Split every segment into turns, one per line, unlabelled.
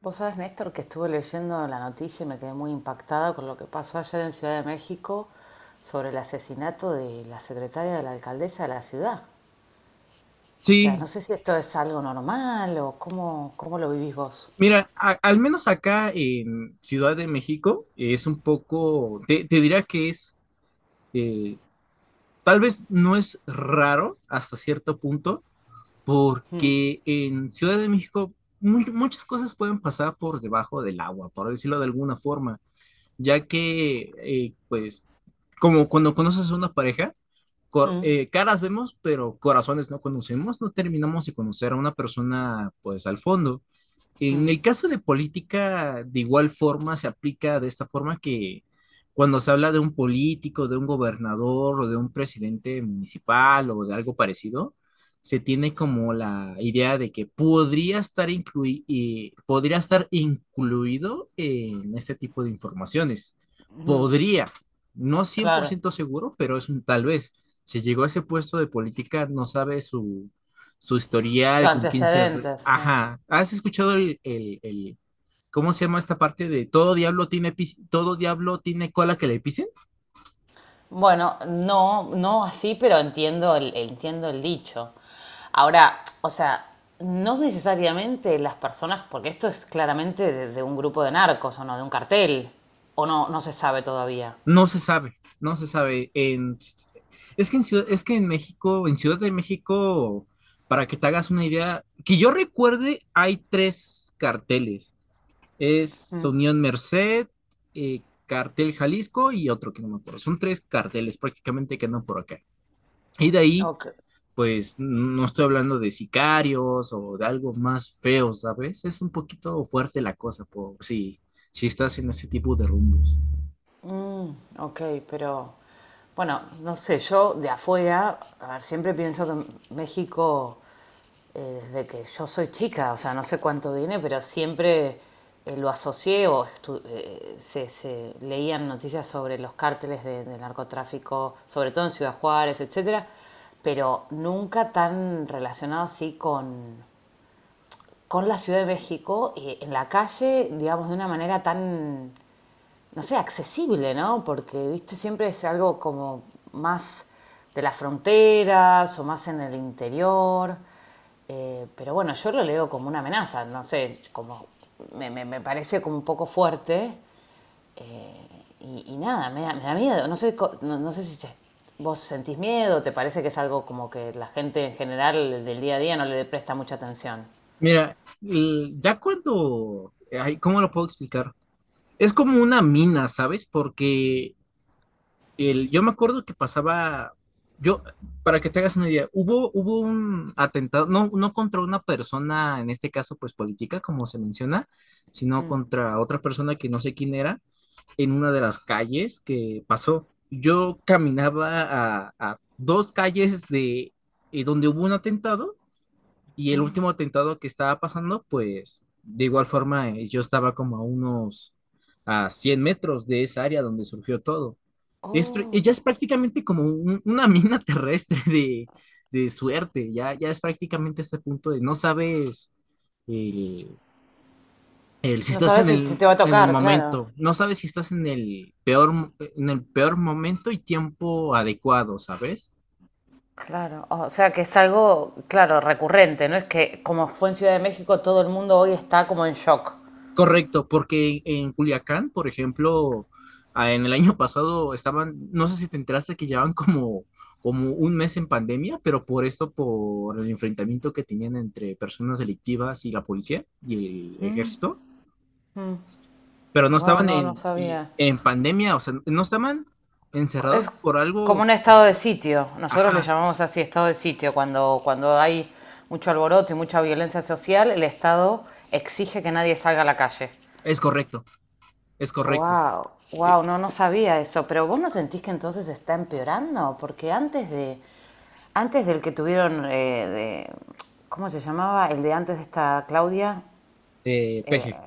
Vos sabés, Néstor, que estuve leyendo la noticia y me quedé muy impactada con lo que pasó ayer en Ciudad de México sobre el asesinato de la secretaria de la alcaldesa de la ciudad. O sea,
Sí,
no sé si esto es algo normal o cómo lo vivís vos.
mira, al menos acá en Ciudad de México es un poco, te diría que es, eh, tal vez no es raro hasta cierto punto,
Mm,
porque en Ciudad de México muchas cosas pueden pasar por debajo del agua, por decirlo de alguna forma. Ya que, pues, como cuando conoces a una pareja,
mm,
caras vemos, pero corazones no conocemos, no terminamos de conocer a una persona, pues, al fondo. En
mm,
el caso de política, de igual forma, se aplica de esta forma que cuando se habla de un político, de un gobernador o de un presidente municipal o de algo parecido, se tiene
sí,
como la idea de que podría estar, podría estar incluido en este tipo de informaciones.
mm,
Podría, no cien por
claro,
ciento seguro, pero es un tal vez. Si llegó a ese puesto de política, no sabe su
sus
historial, con quién se...
antecedentes, sí.
Ajá, ¿has escuchado el- ¿cómo se llama esta parte de todo diablo tiene, todo diablo tiene cola que le pise?
Bueno, no, no así, pero entiendo el dicho. Ahora, o sea, no necesariamente las personas, porque esto es claramente de un grupo de narcos o no, de un cartel, o no, no se sabe todavía.
No se sabe, no se sabe. Es que en, es que en México, en Ciudad de México, para que te hagas una idea, que yo recuerde, hay tres carteles. Es Unión Merced, Cartel Jalisco y otro que no me acuerdo. Son tres carteles prácticamente que andan por acá. Y de ahí,
Ok.
pues no estoy hablando de sicarios o de algo más feo, ¿sabes? Es un poquito fuerte la cosa, por si, si estás en ese tipo de rumbos.
Ok, pero bueno, no sé, yo de afuera, a ver, siempre pienso que México, desde que yo soy chica, o sea, no sé cuánto viene, pero siempre lo asocié o se leían noticias sobre los cárteles de narcotráfico, sobre todo en Ciudad Juárez, etcétera, pero nunca tan relacionado así con la Ciudad de México, en la calle, digamos, de una manera tan no sé, accesible, ¿no? Porque, viste, siempre es algo como más de las fronteras o más en el interior. Pero bueno, yo lo leo como una amenaza, no sé, como me parece como un poco fuerte y nada, me da miedo. No sé, no, no sé si vos sentís miedo, te parece que es algo como que la gente en general del día a día no le presta mucha atención.
Mira, ya cuando, ay, ¿cómo lo puedo explicar? Es como una mina, ¿sabes? Porque yo me acuerdo que pasaba, yo, para que te hagas una idea, hubo un atentado, no, no contra una persona, en este caso, pues política, como se menciona, sino contra otra persona que no sé quién era, en una de las calles que pasó. Yo caminaba a dos calles de donde hubo un atentado y el último atentado que estaba pasando, pues de igual forma yo estaba como a unos a 100 metros de esa área donde surgió todo. Es, ya
Oh.
es prácticamente como una mina terrestre de suerte, ya, ya es prácticamente este punto de no sabes el, el- si
No
estás
sabes si te va a
en el
tocar, claro.
momento, no sabes si estás en el peor, en el peor momento y tiempo adecuado, ¿sabes?
Claro, o sea que es algo, claro, recurrente, ¿no? Es que como fue en Ciudad de México, todo el mundo hoy está como en shock.
Correcto, porque en Culiacán, por ejemplo, ah, en el año pasado estaban, no sé si te enteraste que llevaban como, como un mes en pandemia, pero por esto, por el enfrentamiento que tenían entre personas delictivas y la policía y el ejército, pero no
Wow,
estaban
no, no sabía.
en pandemia, o sea, no estaban
Es
encerrados por
como
algo.
un estado de sitio. Nosotros le
Ajá,
llamamos así estado de sitio. Cuando hay mucho alboroto y mucha violencia social, el Estado exige que nadie salga a la calle.
es correcto, es correcto.
Wow,
Eh,
wow, no, no sabía eso. Pero vos no sentís que entonces está empeorando, porque antes de, antes del que tuvieron de, ¿cómo se llamaba? El de antes de esta Claudia.
PG.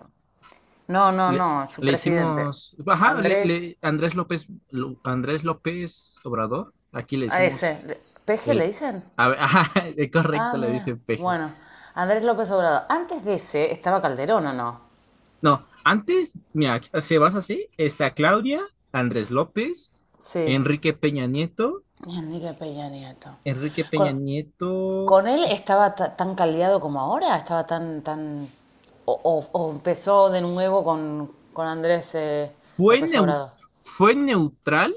No, no,
Le,
no, su
le
presidente.
hicimos, ajá, le,
Andrés,
le- Andrés López, Andrés López Obrador, aquí le
a
hicimos
ese, le- ¿PG le
el,
dicen?
a ver, ajá,
Ah,
correcto, le dice
mira.
peje.
Bueno, Andrés López Obrador. Antes de ese estaba Calderón, ¿o no?
No, antes, mira, si vas así, está Claudia, Andrés López,
Sí.
Enrique Peña Nieto,
Y Enrique Peña Nieto.
Enrique Peña
¿Con,
Nieto
con él estaba tan caldeado como ahora? ¿Estaba tan, tan... o, o empezó de nuevo con Andrés
fue,
López
neu-
Obrador?
fue neutral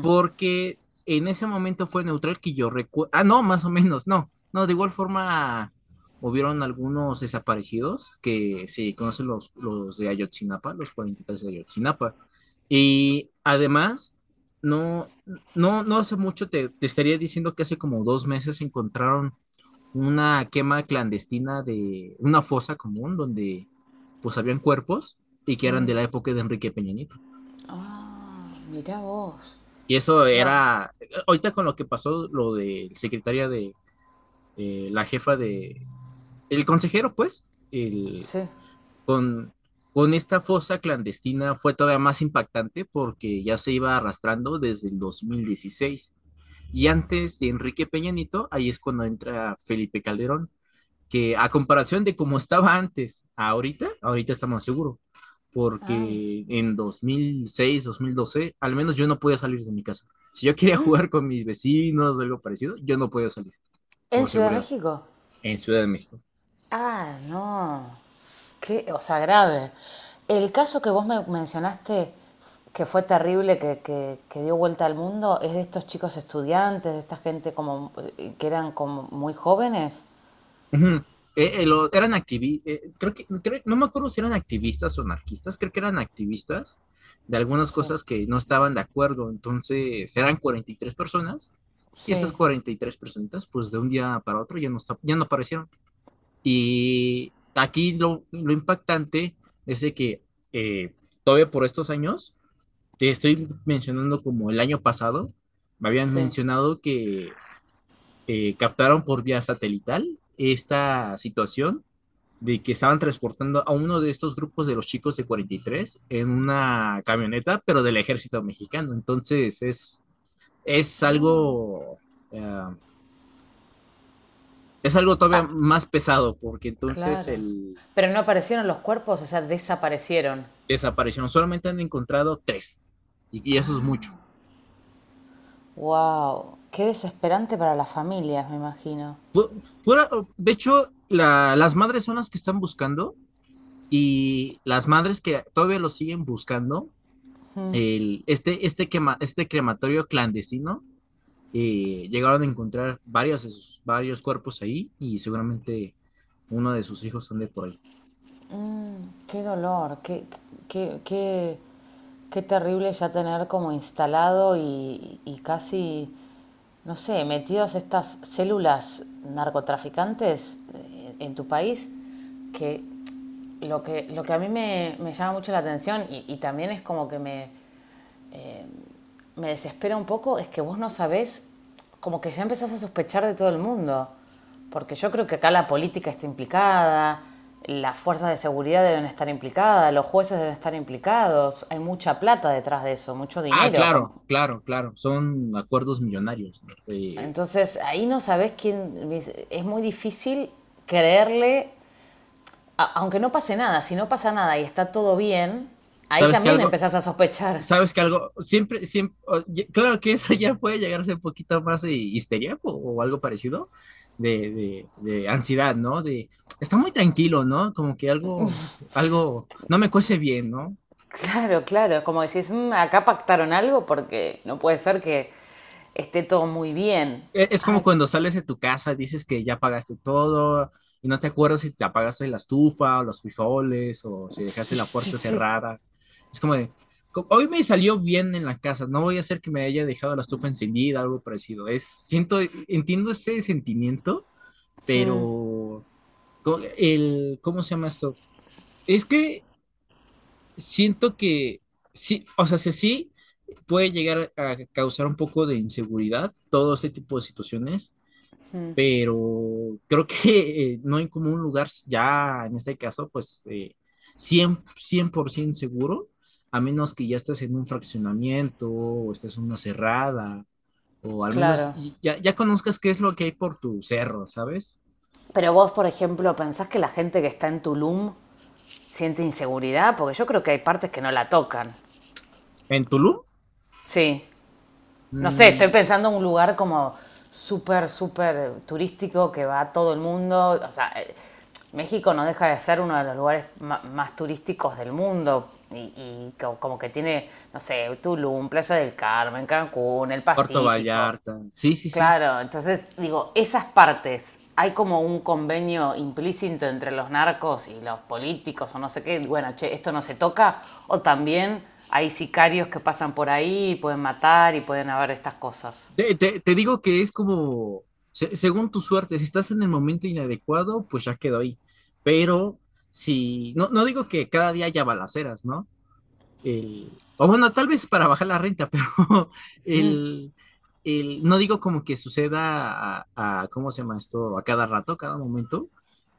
porque en ese momento fue neutral que yo recuerdo. Ah, no, más o menos, no. No, de igual forma hubieron algunos desaparecidos que se conocen los de Ayotzinapa, los 43 de Ayotzinapa. Y además, no, no, no hace mucho te estaría diciendo que hace como dos meses encontraron una quema clandestina de una fosa común donde pues habían cuerpos y que eran de la época de Enrique Peña Nieto.
Mirá vos.
Y eso
No.
era, ahorita con lo que pasó, lo de secretaria de la jefa de, el consejero, pues, el,
Sí.
con, con esta fosa clandestina fue todavía más impactante porque ya se iba arrastrando desde el 2016. Y antes de Enrique Peña Nieto, ahí es cuando entra Felipe Calderón, que a comparación de cómo estaba antes, ahorita, ahorita está más seguro,
Ah,
porque en 2006 2012 al menos yo no podía salir de mi casa. Si yo quería jugar con mis vecinos o algo parecido, yo no podía salir,
¿en
por
Ciudad de
seguridad,
México?
en Ciudad de México.
Ah, no. Qué, o sea, grave. El caso que vos me mencionaste, que fue terrible, que dio vuelta al mundo, es de estos chicos estudiantes, de esta gente como que eran como muy jóvenes.
Ujú. Eran activistas, creo que, no me acuerdo si eran activistas o anarquistas, creo que eran activistas de algunas
Sí,
cosas que no estaban de acuerdo, entonces eran 43 personas y estas
sí,
43 personas, pues de un día para otro ya no, ya no aparecieron. Y aquí lo impactante es de que eh, todavía por estos años, te estoy mencionando como el año pasado, me habían
sí,
mencionado que captaron por vía satelital esta situación de que estaban transportando a uno de estos grupos de los chicos de 43 en una camioneta, pero del ejército mexicano. Entonces es algo, eh, es algo todavía más pesado, porque entonces
claro.
el,
Pero no aparecieron los cuerpos, o sea, desaparecieron.
desaparecieron. Solamente han encontrado tres. Y eso es mucho.
Wow, qué desesperante para las familias, me imagino.
Pu- pura- de hecho, las madres son las que están buscando y las madres que todavía lo siguen buscando, el, este, quema- este crematorio clandestino, llegaron a encontrar varios, varios cuerpos ahí y seguramente uno de sus hijos ande por ahí.
Qué dolor, qué, qué, qué terrible ya tener como instalado y casi no sé, metidos estas células narcotraficantes en tu país, que lo que, lo que a mí me llama mucho la atención y también es como que me desespera un poco, es que vos no sabés, como que ya empezás a sospechar de todo el mundo, porque yo creo que acá la política está implicada, las fuerzas de seguridad deben estar implicadas, los jueces deben estar implicados, hay mucha plata detrás de eso, mucho
Ah,
dinero.
claro,
Como-
claro, claro. Son acuerdos millonarios. ¿No?
Entonces ahí no sabes quién. Es muy difícil creerle, aunque no pase nada. Si no pasa nada y está todo bien, ahí
¿Sabes que
también
algo,
empezás a sospechar.
sabes que algo, siempre, siempre, claro que eso ya puede llegar a ser un poquito más de histeria o algo parecido de ansiedad, ¿no? De, está muy tranquilo, ¿no? Como que algo, algo, no me cuece bien, ¿no?
Claro, claro, es como decís, "Mm, acá pactaron algo porque no puede ser que esté todo muy bien".
Es como
Ay,
cuando sales de tu casa, dices que ya pagaste todo y no te acuerdas si te apagaste la estufa o los frijoles o si
sí,
dejaste la
sí,
puerta
sí.
cerrada. Es como de, hoy me salió bien en la casa, no voy a hacer que me haya dejado la estufa encendida, algo parecido. Es, siento, entiendo ese sentimiento, pero ¿cómo se llama esto? Es que siento que sí, o sea, si sí puede llegar a causar un poco de inseguridad todo este tipo de situaciones pero creo que no hay como un lugar ya, en este caso, pues cien, cien por cien seguro, a menos que ya estés en un fraccionamiento o estés en una cerrada, o al menos
Claro.
ya, ya conozcas qué es lo que hay por tu cerro, ¿sabes?
Pero vos, por ejemplo, ¿pensás que la gente que está en Tulum siente inseguridad? Porque yo creo que hay partes que no la tocan.
En Tulum,
Sí. No sé, estoy
mm,
pensando en un lugar como súper, súper turístico que va a todo el mundo. O sea, México no deja de ser uno de los lugares más turísticos del mundo. Y como que tiene, no sé, Tulum, Playa del Carmen, Cancún, el
Puerto
Pacífico.
Vallarta, sí, sí, sí.
Claro, entonces digo, esas partes, hay como un convenio implícito entre los narcos y los políticos o no sé qué, bueno, che, esto no se toca, o también hay sicarios que pasan por ahí y pueden matar y pueden haber estas cosas.
Te, te digo que es como, según tu suerte, si estás en el momento inadecuado, pues ya quedó ahí. Pero si, no, no digo que cada día haya balaceras, ¿no? O bueno, tal vez para bajar la renta, pero el, no digo como que suceda a, ¿cómo se llama esto? A cada rato, a cada momento,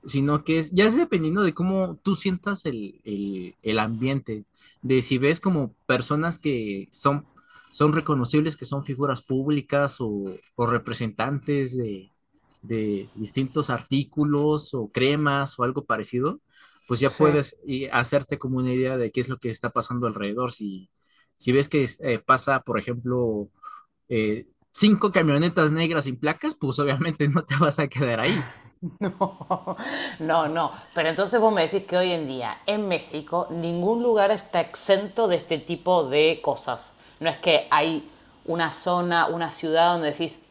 sino que es, ya es dependiendo de cómo tú sientas el ambiente, de si ves como personas que son, son reconocibles, que son figuras públicas o representantes de distintos artículos o cremas o algo parecido pues ya
Sí.
puedes hacerte como una idea de qué es lo que está pasando alrededor. Si, si ves que pasa, por ejemplo, eh, cinco camionetas negras sin placas, pues obviamente no te vas a quedar ahí.
No, no, pero entonces vos me decís que hoy en día en México ningún lugar está exento de este tipo de cosas. No es que hay una zona, una ciudad donde decís,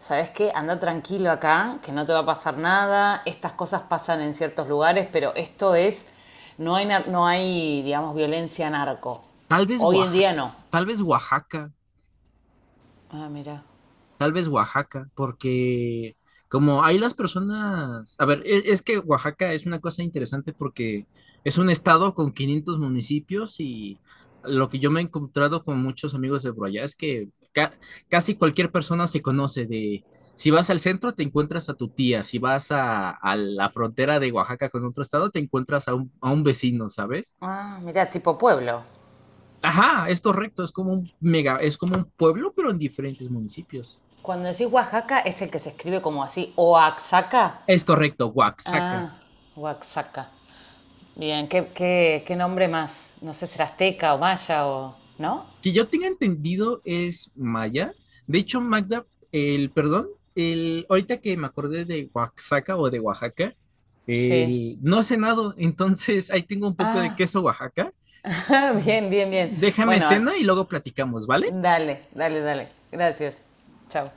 ¿Sabes qué? Anda tranquilo acá, que no te va a pasar nada. Estas cosas pasan en ciertos lugares, pero esto es. No hay, no hay digamos, violencia narco.
Tal vez
Hoy en
Oaxaca,
día no.
tal vez Oaxaca.
Ah, mira.
Tal vez Oaxaca, porque como ahí las personas, a ver, es, que Oaxaca es una cosa interesante porque es un estado con 500 municipios y lo que yo me he encontrado con muchos amigos de por allá es que casi cualquier persona se conoce de, si vas al centro te encuentras a tu tía, si vas a la frontera de Oaxaca con otro estado te encuentras a a un vecino, ¿sabes?
Ah, mira, tipo pueblo.
Ajá, es correcto, es como un mega, es como un pueblo, pero en diferentes municipios.
Cuando decís Oaxaca es el que se escribe como así, Oaxaca.
Es correcto,
Ah,
Oaxaca.
Oaxaca. Bien, ¿qué, qué, qué nombre más? No sé, será azteca o maya o... ¿No?
Que yo tenga entendido es maya. De hecho, Magda, el perdón, el, ahorita que me acordé de Oaxaca o de Oaxaca,
Sí.
el, no he cenado, entonces ahí tengo un poco de
Ah,
queso Oaxaca.
bien, bien, bien.
Déjame
Bueno,
cena y luego platicamos, ¿vale?
dale, dale, dale. Gracias. Chao.